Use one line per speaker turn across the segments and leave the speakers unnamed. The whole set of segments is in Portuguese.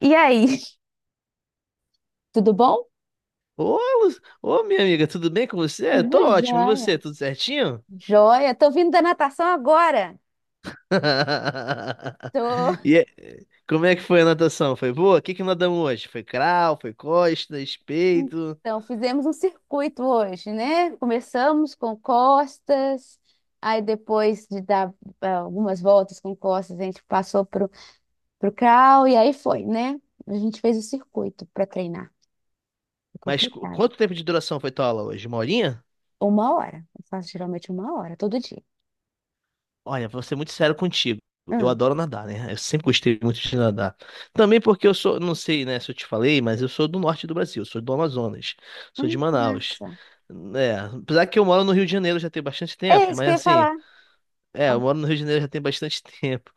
E aí? Tudo bom?
Ô, minha amiga, tudo bem com você? Eu
Tudo
tô ótimo. E você,
jóia.
tudo certinho?
Jóia. Tô vindo da natação agora. Tô...
E é- Como é que foi a natação? Foi boa? O que que nadamos hoje? Foi crawl, foi costas, peito?
Então, fizemos um circuito hoje, né? Começamos com costas, aí depois de dar algumas voltas com costas, a gente passou pro crawl e aí foi, né? A gente fez o circuito para treinar. É
Mas
complicado.
quanto tempo de duração foi tua aula hoje? Uma horinha?
Uma hora. Eu faço geralmente uma hora, todo dia.
Olha, vou ser muito sério contigo. Eu
Hum.
adoro nadar, né? Eu sempre gostei muito de nadar. Também porque eu sou, não sei, né, se eu te falei, mas eu sou do norte do Brasil, sou do Amazonas, sou de
Que
Manaus.
massa.
É, apesar que eu moro no Rio de Janeiro já tem bastante
É
tempo,
isso que
mas
eu ia
assim,
falar.
é,
Ó.
eu moro no Rio de Janeiro já tem bastante tempo.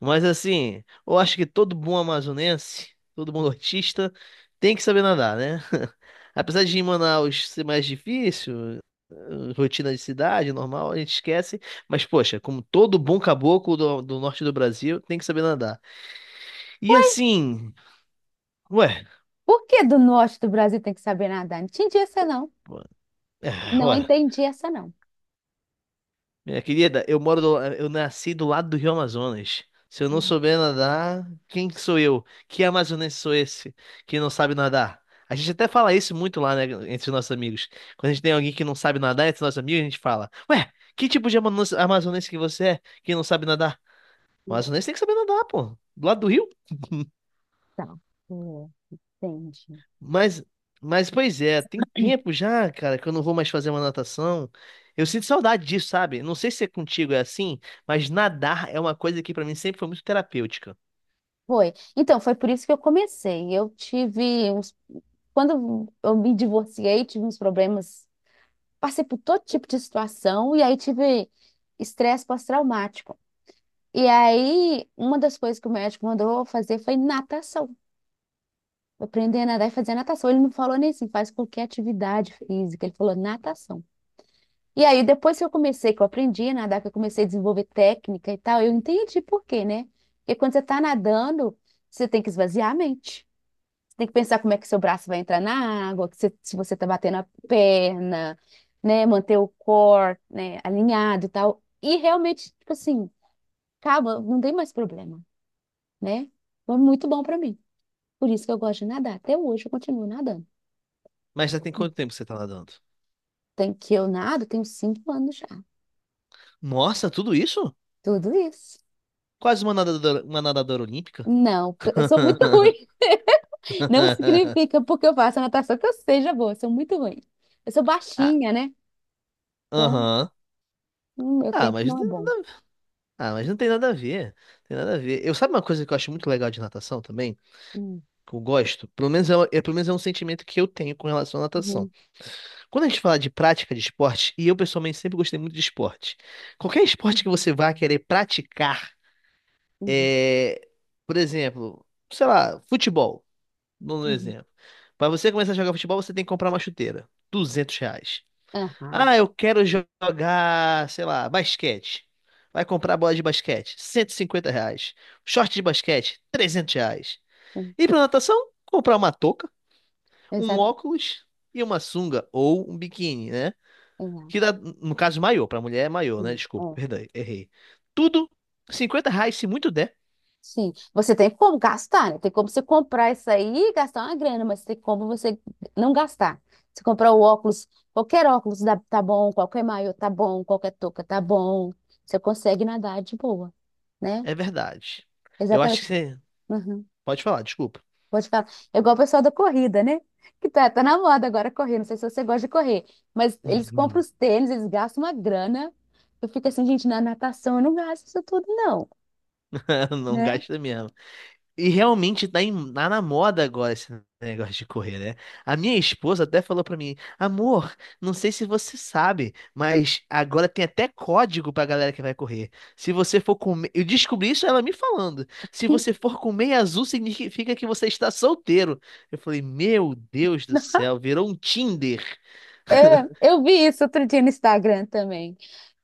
Mas assim, eu acho que todo bom amazonense, todo bom nortista, tem que saber nadar, né? Apesar de em Manaus ser mais difícil, rotina de cidade, normal, a gente esquece. Mas, poxa, como todo bom caboclo do, do norte do Brasil, tem que saber nadar. E assim, ué,
Por que do norte do Brasil tem que saber nadar? Não entendi essa, não.
é,
Não
ué,
entendi essa, não.
minha querida, eu moro do, eu nasci do lado do Rio Amazonas. Se eu não souber nadar, quem que sou eu? Que amazonense sou esse que não sabe nadar? A gente até fala isso muito lá, né, entre os nossos amigos. Quando a gente tem alguém que não sabe nadar entre os nossos amigos, a gente fala: ué, que tipo de amazonense que você é que não sabe nadar? O amazonense tem que saber nadar, pô. Do lado do rio?
Então. É. Entendi.
Mas, mas pois é, tem tempo já, cara, que eu não vou mais fazer uma natação. Eu sinto saudade disso, sabe? Não sei se é contigo é assim, mas nadar é uma coisa que pra mim sempre foi muito terapêutica.
Foi. Então, foi por isso que eu comecei. Eu tive uns. Quando eu me divorciei, tive uns problemas. Passei por todo tipo de situação e aí tive estresse pós-traumático. E aí, uma das coisas que o médico mandou eu fazer foi natação. Aprender a nadar e fazer natação. Ele não falou nem assim, faz qualquer atividade física. Ele falou natação. E aí, depois que eu comecei, que eu aprendi a nadar, que eu comecei a desenvolver técnica e tal, eu entendi por quê, né? Porque quando você está nadando, você tem que esvaziar a mente. Você tem que pensar como é que seu braço vai entrar na água, se você está batendo a perna, né? Manter o core, né, alinhado e tal. E realmente, tipo assim, calma, não tem mais problema, né? Foi muito bom para mim. Por isso que eu gosto de nadar. Até hoje eu continuo nadando.
Mas já tem quanto tempo que você tá nadando?
Tem que eu nado, tenho 5 anos já.
Nossa, tudo isso?
Tudo isso.
Quase uma nadadora olímpica?
Não, eu sou muito ruim. Não significa porque eu faço natação que eu seja boa, eu sou muito ruim. Eu sou
Ah,
baixinha, né? Então,
aham.
meu
Ah,
tempo
mas,
não é bom.
ah, mas não tem nada a ver. Tem nada a ver. Eu sabe uma coisa que eu acho muito legal de natação também?
Hum,
Que eu gosto? Pelo menos é um sentimento que eu tenho com relação à natação.
uhum,
Quando a gente fala de prática de esporte, e eu pessoalmente sempre gostei muito de esporte, qualquer esporte que
uhum,
você vá querer praticar,
uhum,
é, por exemplo, sei lá, futebol, no
uhum.
exemplo. Para você começar a jogar futebol, você tem que comprar uma chuteira, R$ 200.
Aham,
Ah, eu quero jogar, sei lá, basquete. Vai comprar bola de basquete, R$ 150. Short de basquete, R$ 300.
hum,
E para natação, comprar uma touca, um
exato,
óculos e uma sunga ou um biquíni, né? Que
exato,
dá, no caso, maior. Pra mulher é maior, né? Desculpa,
é.
perdão, errei. Tudo, R$ 50, se muito der,
Sim, você tem como gastar, né? Tem como você comprar isso aí e gastar uma grana, mas tem como você não gastar. Você comprar o óculos, tá bom, qualquer maiô tá bom, qualquer touca tá bom. Você consegue nadar de boa, né?
é verdade. Eu acho que
Exatamente.
você.
Uhum.
Pode falar, desculpa.
Vou te falar. É igual o pessoal da corrida, né? Que tá na moda agora correr. Não sei se você gosta de correr. Mas eles compram os tênis, eles gastam uma grana. Eu fico assim, gente, na natação eu não gasto isso tudo, não,
Não
né?
gasta mesmo. E realmente tá na moda agora esse negócio de correr, né? A minha esposa até falou pra mim, amor, não sei se você sabe, mas agora tem até código pra galera que vai correr. Se você for com... me- Eu descobri isso ela me falando. Se você for com meia azul, significa que você está solteiro. Eu falei, meu Deus do céu, virou um Tinder.
É, eu vi isso outro dia no Instagram também.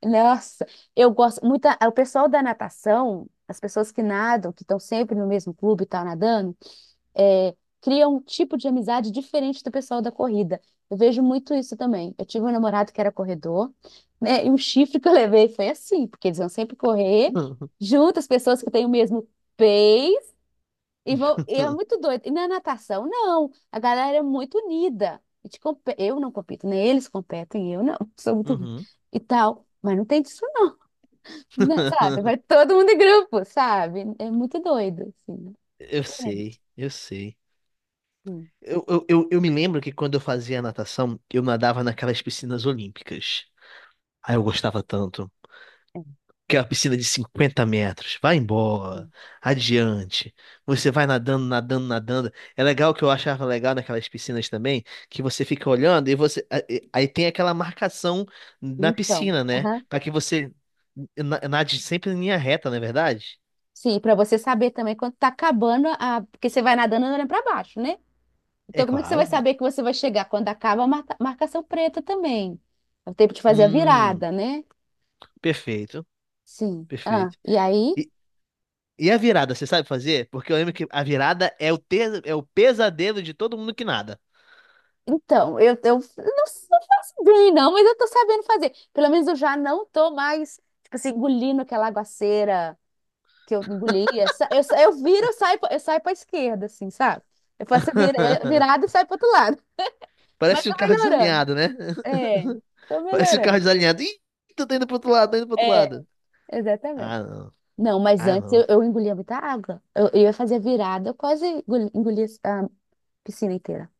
Nossa, eu gosto muito. O pessoal da natação, as pessoas que nadam, que estão sempre no mesmo clube e tal, nadando, é, cria um tipo de amizade diferente do pessoal da corrida. Eu vejo muito isso também. Eu tive um namorado que era corredor, né? E um chifre que eu levei foi assim, porque eles vão sempre correr junto, as pessoas que têm o mesmo pace, e vão, e é muito doido. E na natação, não. A galera é muito unida. Eu não compito, nem eles competem, eu não, sou muito ruim.
Uhum.
E tal. Mas não tem disso, não, né, sabe? Vai todo mundo em grupo, sabe? É muito doido, assim.
Eu
Diferente.
sei, eu sei.
Sim.
Eu me lembro que quando eu fazia natação, eu nadava naquelas piscinas olímpicas. Aí eu gostava tanto. Que é uma piscina de 50 metros. Vai embora. Adiante. Você vai nadando, nadando, nadando. É legal, que eu achava legal naquelas piscinas também, que você fica olhando e você. Aí tem aquela marcação na
No chão.
piscina, né?
Aham.
Para que você nade sempre em linha reta, não é verdade?
Sim, para você saber também quando tá acabando a. Porque você vai nadando olhando para baixo, né?
É
Então, como é que você
claro.
vai saber que você vai chegar quando acaba a marcação preta também? É o tempo de fazer a
Hum,
virada, né?
perfeito,
Sim. Ah,
perfeito.
e aí?
E a virada, você sabe fazer? Porque eu lembro que a virada é o pesadelo de todo mundo que nada.
Então, eu não faço bem, não, mas eu tô sabendo fazer. Pelo menos eu já não tô mais, tipo assim, engolindo aquela aguaceira que eu engolia. Eu viro, eu saio, eu saio pra esquerda, assim, sabe? Eu faço a virada e saio pro outro lado. Mas
Parece um
tá
carro
melhorando.
desalinhado, né?
É, tô
Parece um carro
melhorando.
desalinhado. Ih, tô indo pro outro lado, tô indo pro outro
É,
lado.
exatamente.
Ah, não.
Não, mas
Ah,
antes eu,
não.
eu engolia muita água. Eu ia fazer virada, eu quase engolia a piscina inteira.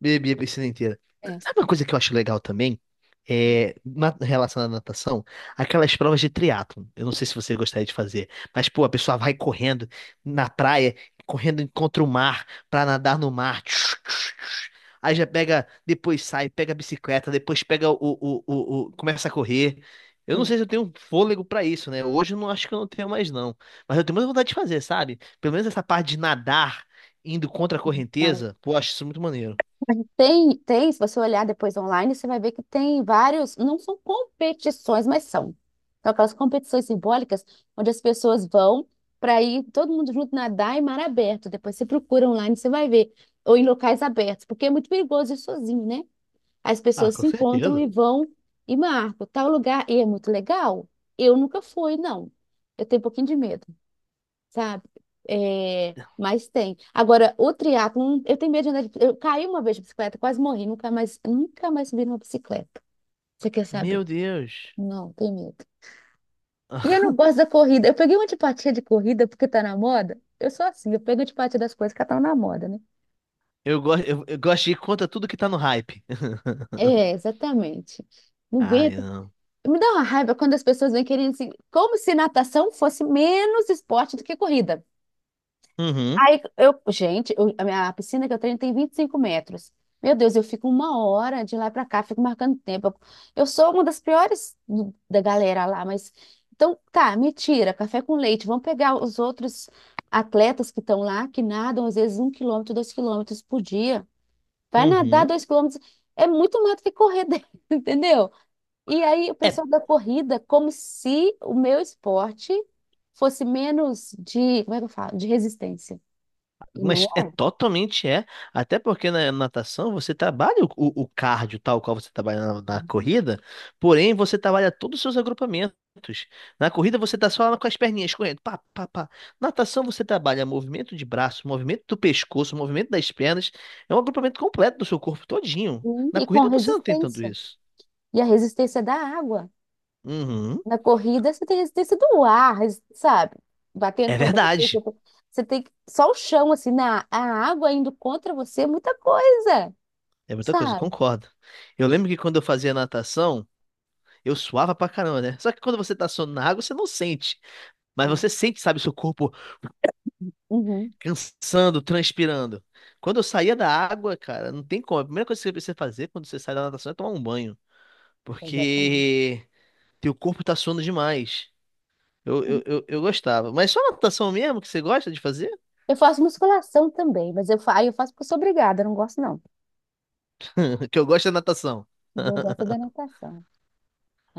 Bebi a piscina inteira.
É,
Sabe uma coisa que eu acho legal também? É, na relação à natação, aquelas provas de triatlon. Eu não sei se você gostaria de fazer, mas, pô, a pessoa vai correndo na praia, correndo contra o mar, pra nadar no mar. Tchus, tchus, tchus. Aí já pega, depois sai, pega a bicicleta, depois pega começa a correr. Eu não
sim,
sei se eu tenho fôlego pra isso, né? Hoje eu não acho que eu não tenho mais, não. Mas eu tenho muita vontade de fazer, sabe? Pelo menos essa parte de nadar, indo contra a
maravilha.
correnteza, pô, eu acho isso muito maneiro.
Mas tem, se você olhar depois online, você vai ver que tem vários, não são competições, mas são. São aquelas competições simbólicas onde as pessoas vão para ir todo mundo junto nadar em mar aberto. Depois você procura online, você vai ver. Ou em locais abertos, porque é muito perigoso ir sozinho, né? As
Ah,
pessoas
com
se encontram
certeza.
e vão e marcam tal lugar e é muito legal. Eu nunca fui, não. Eu tenho um pouquinho de medo, sabe? É, mas tem. Agora, o triatlon, eu tenho medo de andar de. Eu caí uma vez de bicicleta, quase morri, nunca mais, nunca mais subi numa bicicleta. Você quer
Meu
saber?
Deus.
Não, tenho medo. E eu não gosto da corrida. Eu peguei uma antipatia de corrida porque tá na moda. Eu sou assim, eu pego antipatia das coisas que estão na moda, né?
Eu gosto de ir contra tudo que tá no hype.
É, exatamente. Não
Ah, eu
aguento.
não.
Me dá uma raiva quando as pessoas vêm querendo assim, como se natação fosse menos esporte do que corrida.
Uhum,
Aí eu, gente, a minha piscina que eu treino tem 25 metros. Meu Deus, eu fico uma hora de lá pra cá, fico marcando tempo. Eu sou uma das piores da galera lá, mas então tá, me tira, café com leite. Vamos pegar os outros atletas que estão lá, que nadam às vezes 1 quilômetro, 2 quilômetros por dia. Vai nadar
uhum.
2 quilômetros. É muito mais do que correr, entendeu? E aí, o
É
pessoal da corrida, como se o meu esporte fosse menos de, como é que eu falo? De resistência. E não
Mas é
é.
totalmente é. Até porque na natação você trabalha o cardio, tal qual você trabalha na corrida, porém você trabalha todos os seus agrupamentos. Na corrida você tá só lá com as perninhas correndo. Pá, pá, pá. Natação você trabalha movimento de braço, movimento do pescoço, movimento das pernas. É um agrupamento completo do seu corpo todinho.
Sim,
Na
e com
corrida você não tem tanto
resistência.
isso.
E a resistência é da água.
Uhum.
Na corrida, você tem resistência do ar, sabe? Batendo
É
contra você.
verdade.
Você tem só o chão, assim, a água indo contra você é muita coisa,
É muita coisa, eu
sabe?
concordo. Eu lembro que quando eu fazia natação, eu suava pra caramba, né? Só que quando você tá suando na água, você não sente. Mas você
É.
sente, sabe, seu corpo
Uhum,
cansando, transpirando. Quando eu saía da água, cara, não tem como. A primeira coisa que você precisa fazer quando você sai da natação é tomar um banho.
exatamente.
Porque teu corpo tá suando demais. Eu gostava. Mas só natação mesmo que você gosta de fazer?
Eu faço musculação também, mas aí eu faço porque eu sou obrigada, eu não gosto não.
Que eu gosto é natação.
Eu gosto da natação.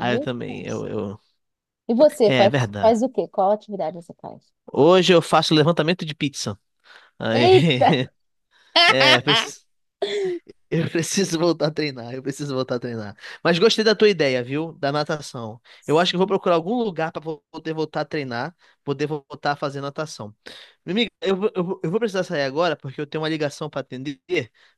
Ah, eu
eu
também.
faço.
Eu...
E você
É, é
faz,
verdade.
faz o quê? Qual atividade você faz?
Hoje eu faço levantamento de pizza. Aí,
Eita!
é, preciso. Eu preciso voltar a treinar, eu preciso voltar a treinar. Mas gostei da tua ideia, viu? Da natação. Eu acho que eu vou procurar algum lugar para poder voltar a treinar, poder voltar a fazer natação. Minha amiga, eu vou precisar sair agora porque eu tenho uma ligação para atender,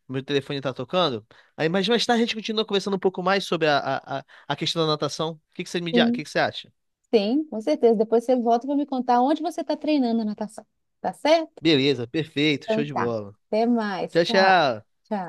meu telefone tá tocando. Aí, mas mais tarde a gente continua conversando um pouco mais sobre a questão da natação. O que que você o
Sim,
que que você acha?
sim, com certeza. Depois você volta para me contar onde você está treinando a natação. Tá certo?
Beleza, perfeito, show
Então
de
tá.
bola.
Até mais.
Tchau,
Tchau,
tchau.
tchau.